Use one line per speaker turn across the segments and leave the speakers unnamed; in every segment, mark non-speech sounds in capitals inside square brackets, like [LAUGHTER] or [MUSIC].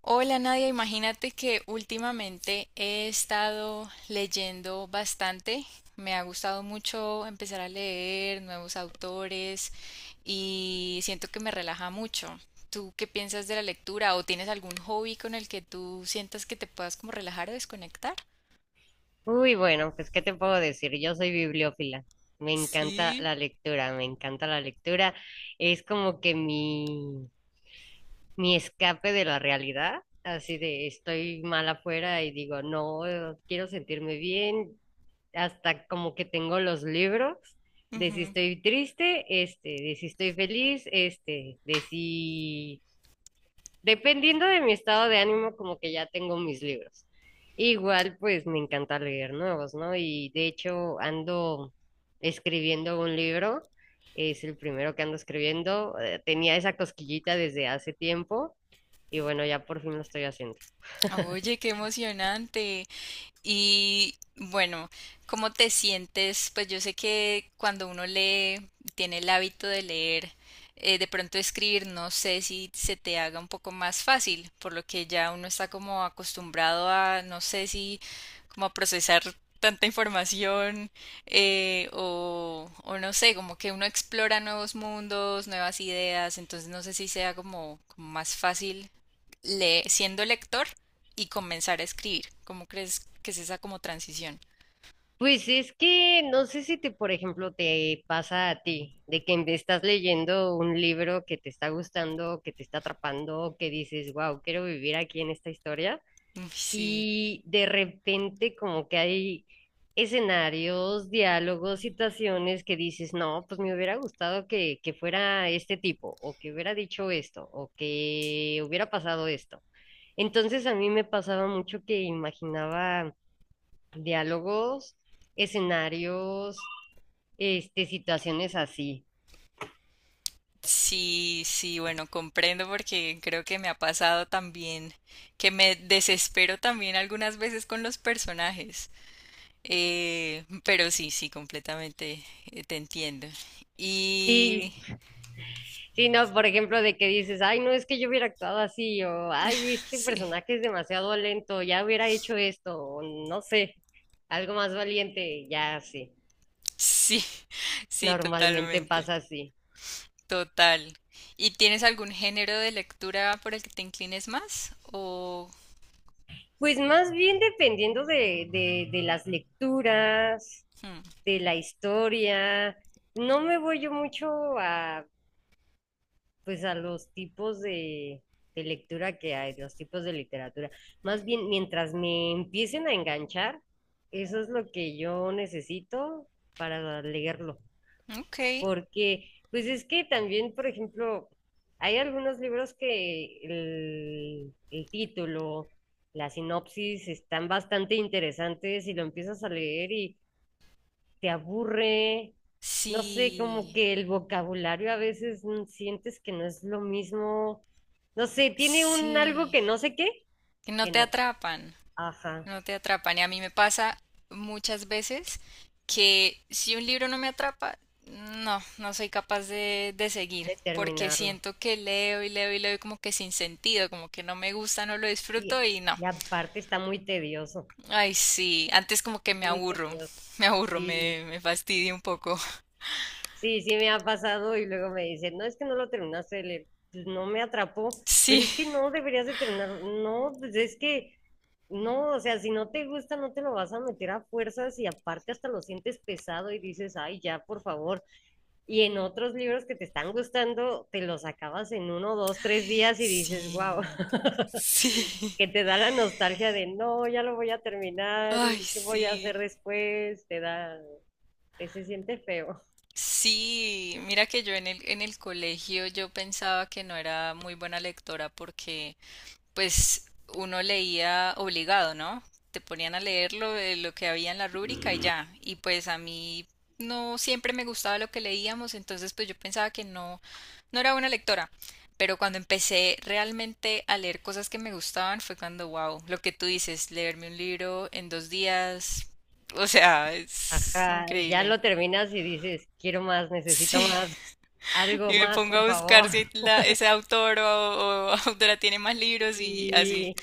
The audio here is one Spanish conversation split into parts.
Hola Nadia, imagínate que últimamente he estado leyendo bastante. Me ha gustado mucho empezar a leer nuevos autores y siento que me relaja mucho. ¿Tú qué piensas de la lectura o tienes algún hobby con el que tú sientas que te puedas como relajar o desconectar?
Uy, bueno, pues ¿qué te puedo decir? Yo soy bibliófila. Me encanta
Sí,
la lectura, me encanta la lectura. Es como que mi escape de la realidad, así de estoy mal afuera y digo, no, quiero sentirme bien, hasta como que tengo los libros de si
ujú.
estoy triste, de si estoy feliz, este, de si dependiendo de mi estado de ánimo, como que ya tengo mis libros. Igual, pues me encanta leer nuevos, ¿no? Y de hecho ando escribiendo un libro, es el primero que ando escribiendo. Tenía esa cosquillita desde hace tiempo y bueno, ya por fin lo estoy haciendo. [LAUGHS]
Oye, qué emocionante. Y bueno, ¿cómo te sientes? Pues yo sé que cuando uno lee, tiene el hábito de leer, de pronto escribir, no sé si se te haga un poco más fácil, por lo que ya uno está como acostumbrado a, no sé si, como a procesar tanta información o no sé, como que uno explora nuevos mundos, nuevas ideas. Entonces no sé si sea como, más fácil le siendo lector y comenzar a escribir. ¿Cómo crees que es esa como transición?
Pues es que no sé si te, por ejemplo, te pasa a ti, de que estás leyendo un libro que te está gustando, que te está atrapando, que dices, wow, quiero vivir aquí en esta historia.
Uy, sí,
Y de repente como que hay escenarios, diálogos, situaciones que dices, no, pues me hubiera gustado que fuera este tipo, o que hubiera dicho esto, o que hubiera pasado esto. Entonces a mí me pasaba mucho que imaginaba diálogos, escenarios, este, situaciones así.
sí, sí, bueno, comprendo porque creo que me ha pasado también que me desespero también algunas veces con los personajes. Pero sí, sí, completamente, te entiendo. Y
Sí, sí, no, por ejemplo, de que dices, ay, no, es que yo hubiera actuado así, o ay, este
sí,
personaje es demasiado lento, ya hubiera hecho esto, o no sé, algo más valiente, ya sí,
sí, [LAUGHS] sí,
normalmente
totalmente,
pasa así.
total. ¿Y tienes algún género de lectura por el que te inclines más? O,
Pues más bien dependiendo de, de las lecturas,
hmm,
de la historia, no me voy yo mucho a pues a los tipos de lectura que hay, los tipos de literatura. Más bien, mientras me empiecen a enganchar, eso es lo que yo necesito para leerlo,
ok,
porque pues es que también, por ejemplo, hay algunos libros que el título, la sinopsis están bastante interesantes y lo empiezas a leer y te aburre, no sé, como
sí.
que el vocabulario a veces sientes que no es lo mismo, no sé, tiene un algo
Sí,
que no sé qué,
que no
que
te
no,
atrapan,
ajá,
no te atrapan. Y a mí me pasa muchas veces que si un libro no me atrapa, no, no soy capaz de seguir, porque
determinarlo.
siento que leo y leo y leo y como que sin sentido, como que no me gusta, no lo disfruto
Y,
y no.
y aparte está muy tedioso,
Ay, sí, antes como que me
muy
aburro,
tedioso.
me aburro,
Sí.
me fastidio un poco. [LAUGHS]
Sí, sí me ha pasado y luego me dicen, no, es que no lo terminaste de leer, pues no me atrapó, pero
Sí,
es que no deberías de terminar, no, pues es que no, o sea, si no te gusta no te lo vas a meter a fuerzas y aparte hasta lo sientes pesado y dices, ay, ya, por favor. Y en otros libros que te están gustando, te los acabas en 1, 2, 3 días y dices, wow,
sí,
[LAUGHS]
sí.
que te da la nostalgia de, no, ya lo voy a terminar
Ay,
y qué voy a
sí.
hacer después, te da, te se siente feo.
Sí, mira que yo en el colegio yo pensaba que no era muy buena lectora porque pues uno leía obligado, ¿no? Te ponían a leer lo, de lo que había en la rúbrica y ya. Y pues a mí no siempre me gustaba lo que leíamos, entonces pues yo pensaba que no, no era buena lectora. Pero cuando empecé realmente a leer cosas que me gustaban fue cuando, wow, lo que tú dices, leerme un libro en dos días, o sea, es
Ajá, y ya
increíble.
lo terminas y dices, quiero más, necesito
Sí.
más, algo
Y me
más,
pongo
por
a buscar
favor.
si
[LAUGHS]
ese autor o [LAUGHS] autora tiene más libros y así.
Y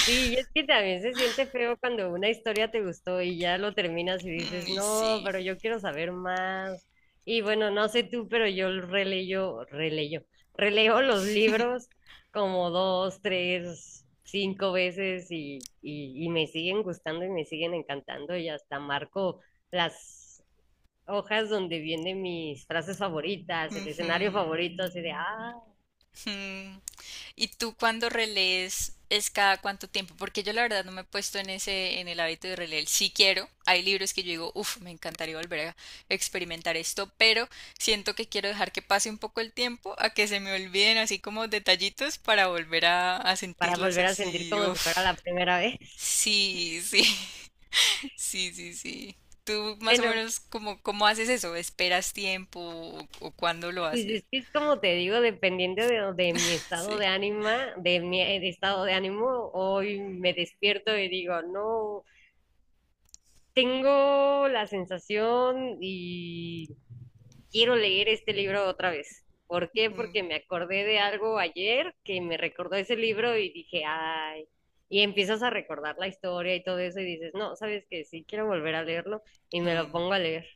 sí, y es que también se siente feo cuando una historia te gustó y ya lo terminas y
Mm,
dices,
y
no,
sí.
pero yo quiero saber más. Y bueno, no sé tú, pero yo releyo, releyo, releo los libros como 2, 3, 5 veces y me siguen gustando y me siguen encantando y hasta marco las hojas donde vienen mis frases favoritas, el escenario
Ujú,
favorito, así de, ah,
ujú. ¿Y tú cuando relees es cada cuánto tiempo? Porque yo la verdad no me he puesto en ese, en el hábito de releer. Sí quiero. Hay libros que yo digo, uff, me encantaría volver a experimentar esto, pero siento que quiero dejar que pase un poco el tiempo a que se me olviden así como detallitos para volver a
para
sentirlos
volver a sentir
así.
como si fuera
Uff.
la primera vez. [LAUGHS]
Sí, sí. Sí, sí, sí. ¿Tú más o
Bueno,
menos cómo haces eso? ¿Esperas tiempo o cuándo lo
pues
haces?
es que es como te digo, dependiendo de mi
[LAUGHS]
estado
Sí.
de ánima, de estado de ánimo, hoy me despierto y digo, no, tengo la sensación y quiero leer este libro otra vez. ¿Por qué?
Ujú.
Porque me acordé de algo ayer que me recordó ese libro y dije, ay, y empiezas a recordar la historia y todo eso y dices, no, sabes que sí, quiero volver a leerlo y me lo
Mm.
pongo a leer.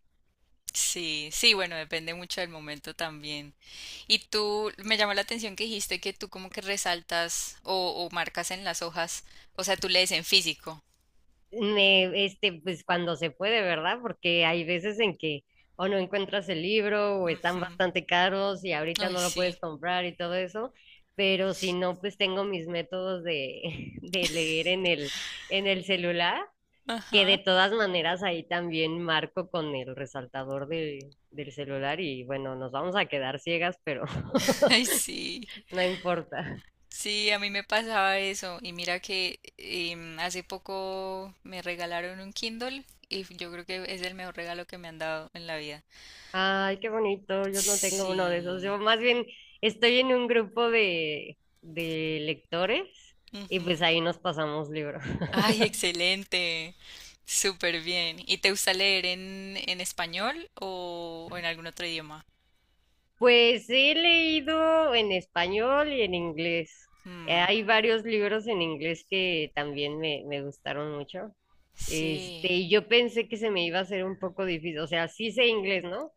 Sí, sí, bueno, depende mucho del momento también. Y tú, me llamó la atención que dijiste que tú como que resaltas o marcas en las hojas, o sea, tú lees en físico.
Pues cuando se puede, ¿verdad? Porque hay veces en que o no encuentras el libro o están
Ujú.
bastante caros y ahorita
Ay,
no lo puedes
sí.
comprar y todo eso, pero si no, pues tengo mis métodos de, [LAUGHS] de leer en el celular, que
Ajá.
de todas maneras ahí también marco con el resaltador del celular y bueno, nos vamos a quedar ciegas, pero
[LAUGHS] Ay,
[LAUGHS]
sí.
no importa.
Sí, a mí me pasaba eso. Y mira que hace poco me regalaron un Kindle y yo creo que es el mejor regalo que me han dado en la vida.
Ay, qué bonito. Yo no tengo uno de esos.
Sí.
Yo más bien estoy en un grupo de lectores y
Ujú.
pues ahí nos pasamos libros. [LAUGHS]
Ay, excelente. Súper bien. ¿Y te gusta leer en español o en algún otro idioma?
Pues he leído en español y en inglés. Eh,
Mm,
Hay varios libros en inglés que también me gustaron mucho. Este,
sí.
y yo pensé que se me iba a hacer un poco difícil. O sea, sí sé inglés, ¿no?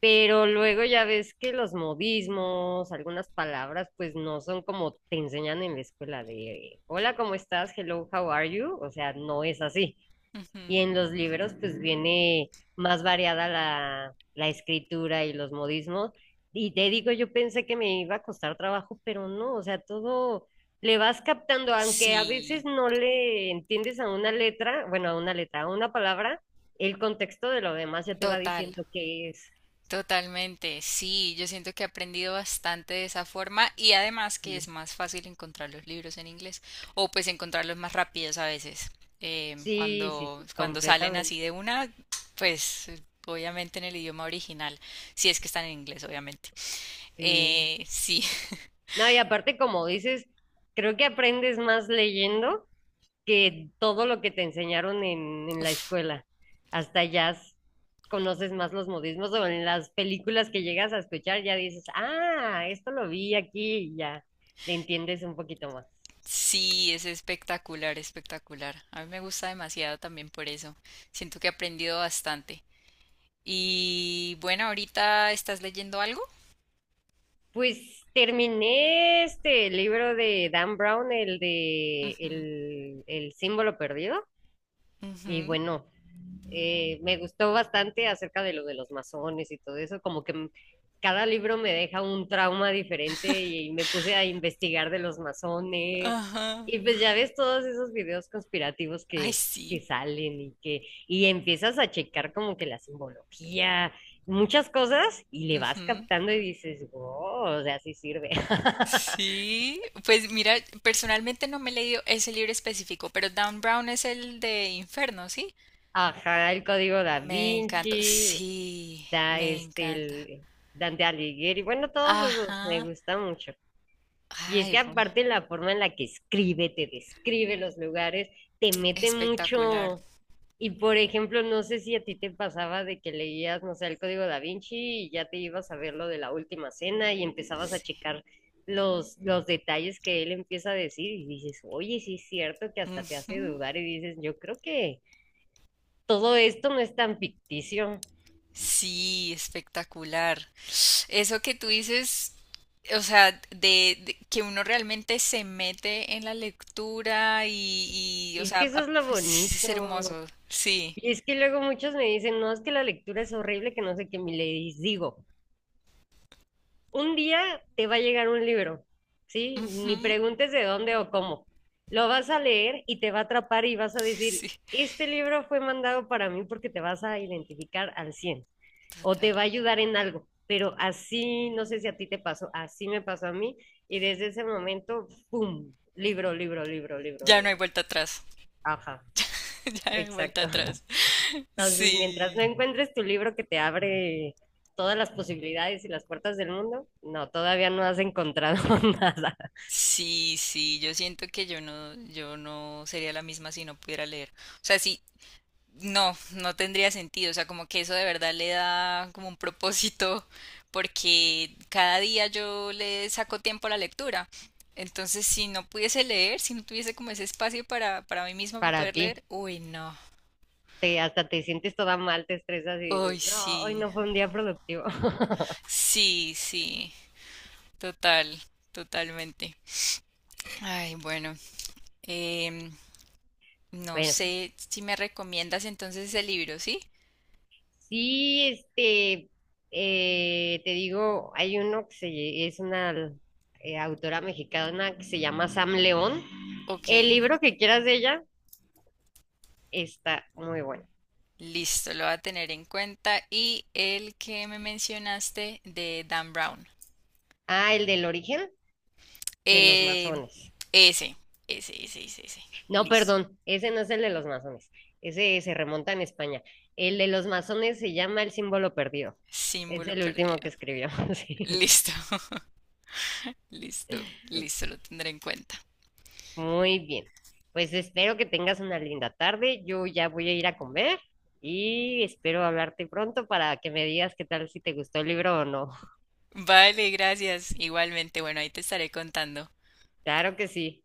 Pero luego ya ves que los modismos, algunas palabras, pues no son como te enseñan en la escuela de hola, ¿cómo estás? Hello, how are you? O sea, no es así. Y
Ujú.
en los libros, pues viene más variada la escritura y los modismos. Y te digo, yo pensé que me iba a costar trabajo, pero no, o sea, todo le vas captando, aunque a veces
Sí.
no le entiendes a una letra, bueno, a una letra, a una palabra, el contexto de lo demás ya te va
Total.
diciendo qué es.
Totalmente, sí, yo siento que he aprendido bastante de esa forma y además que es más fácil encontrar los libros en inglés o pues encontrarlos más rápidos a veces. Em,
Sí, sí,
cuando,
sí,
cuando salen así de
completamente.
una, pues obviamente en el idioma original, si es que están en inglés, obviamente.
Sí.
Sí,
No, y aparte, como dices, creo que aprendes más leyendo que todo lo que te enseñaron
[LAUGHS]
en la
uf,
escuela. Hasta ya conoces más los modismos o en las películas que llegas a escuchar ya dices, ah, esto lo vi aquí y ya le entiendes un poquito más.
sí, es espectacular, espectacular. A mí me gusta demasiado también por eso. Siento que he aprendido bastante. Y bueno, ahorita estás leyendo algo.
Pues terminé este libro de Dan Brown, el de
Ujú,
el símbolo perdido. Y
ujú.
bueno, me gustó bastante acerca de lo de los masones y todo eso, como que cada libro me deja un trauma diferente y me puse a investigar de los masones
Ajá.
y pues ya ves todos esos videos conspirativos
Ay,
que,
sí.
que salen y empiezas a checar como que la simbología, muchas cosas y le vas
Ujú.
captando y dices, wow, o sea, sí sirve. [LAUGHS]
Sí. Pues mira, personalmente no me he leído ese libro específico, pero Dan Brown es el de Inferno, ¿sí?
Ajá, el Código Da
Me encanta.
Vinci,
Sí,
da
me
este
encanta.
el Dante Alighieri, bueno, todos esos me
Ajá.
gustan mucho. Y es
Ay,
que
bueno.
aparte la forma en la que escribe, te describe los lugares, te mete
Espectacular.
mucho. Y por ejemplo, no sé si a ti te pasaba de que leías, no sé, el Código Da Vinci y ya te ibas a ver lo de la última cena y empezabas a
Sí.
checar los detalles que él empieza a decir y dices, oye, sí es cierto que hasta te hace
Ujú.
dudar y dices, yo creo que todo esto no es tan ficticio.
Sí, espectacular. Eso que tú dices, o sea, de que uno realmente se mete en la lectura o
Y es
sea,
que eso es lo
[LAUGHS]
bonito.
es, hermoso. Sí.
Y es que luego muchos me dicen, no, es que la lectura es horrible, que no sé qué, mi ley. Digo, un día te va a llegar un libro, ¿sí? Ni
Ujú,
preguntes de dónde o cómo. Lo vas a leer y te va a atrapar y vas a decir,
sí,
este libro fue mandado para mí porque te vas a identificar al 100 o
total.
te va a ayudar en algo. Pero así, no sé si a ti te pasó, así me pasó a mí y desde ese momento, ¡pum! Libro, libro, libro, libro,
Ya no hay
libro.
vuelta atrás.
Ajá,
[LAUGHS] Ya no hay vuelta
exacto.
atrás.
Entonces, mientras no
Sí.
encuentres tu libro que te abre todas las posibilidades y las puertas del mundo, no, todavía no has encontrado [LAUGHS] nada
Sí, sí, yo siento que yo no sería la misma si no pudiera leer. O sea, si, no, no tendría sentido, o sea, como que eso de verdad le da como un propósito, porque cada día yo le saco tiempo a la lectura. Entonces, si no pudiese leer, si no tuviese como ese espacio para mí misma para
para
poder
ti.
leer, uy, no.
Te, hasta te sientes toda mal, te estresas y dices,
Uy,
no, hoy
sí.
no fue un día productivo. [LAUGHS]
Sí, sí. Total, totalmente. Ay, bueno. em, no
Bueno,
sé si me recomiendas entonces ese libro, ¿sí?
sí, este, te digo, hay uno es una autora mexicana que se llama Sam León.
Ok.
El libro que quieras de ella está muy bueno.
Listo, lo voy a tener en cuenta. Y el que me mencionaste de Dan Brown.
Ah, el del origen de los
Eh,
masones.
ese, ese, ese, ese, ese.
No,
Listo.
perdón, ese no es el de los masones. Ese se remonta en España. El de los masones se llama El símbolo perdido. Es
Símbolo
el último que
perdido.
escribió. [LAUGHS] Sí.
Listo, [LAUGHS] listo, listo, lo tendré en cuenta.
Muy bien. Pues espero que tengas una linda tarde. Yo ya voy a ir a comer y espero hablarte pronto para que me digas qué tal si te gustó el libro o no.
Vale, gracias. Igualmente, bueno, ahí te estaré contando.
Claro que sí.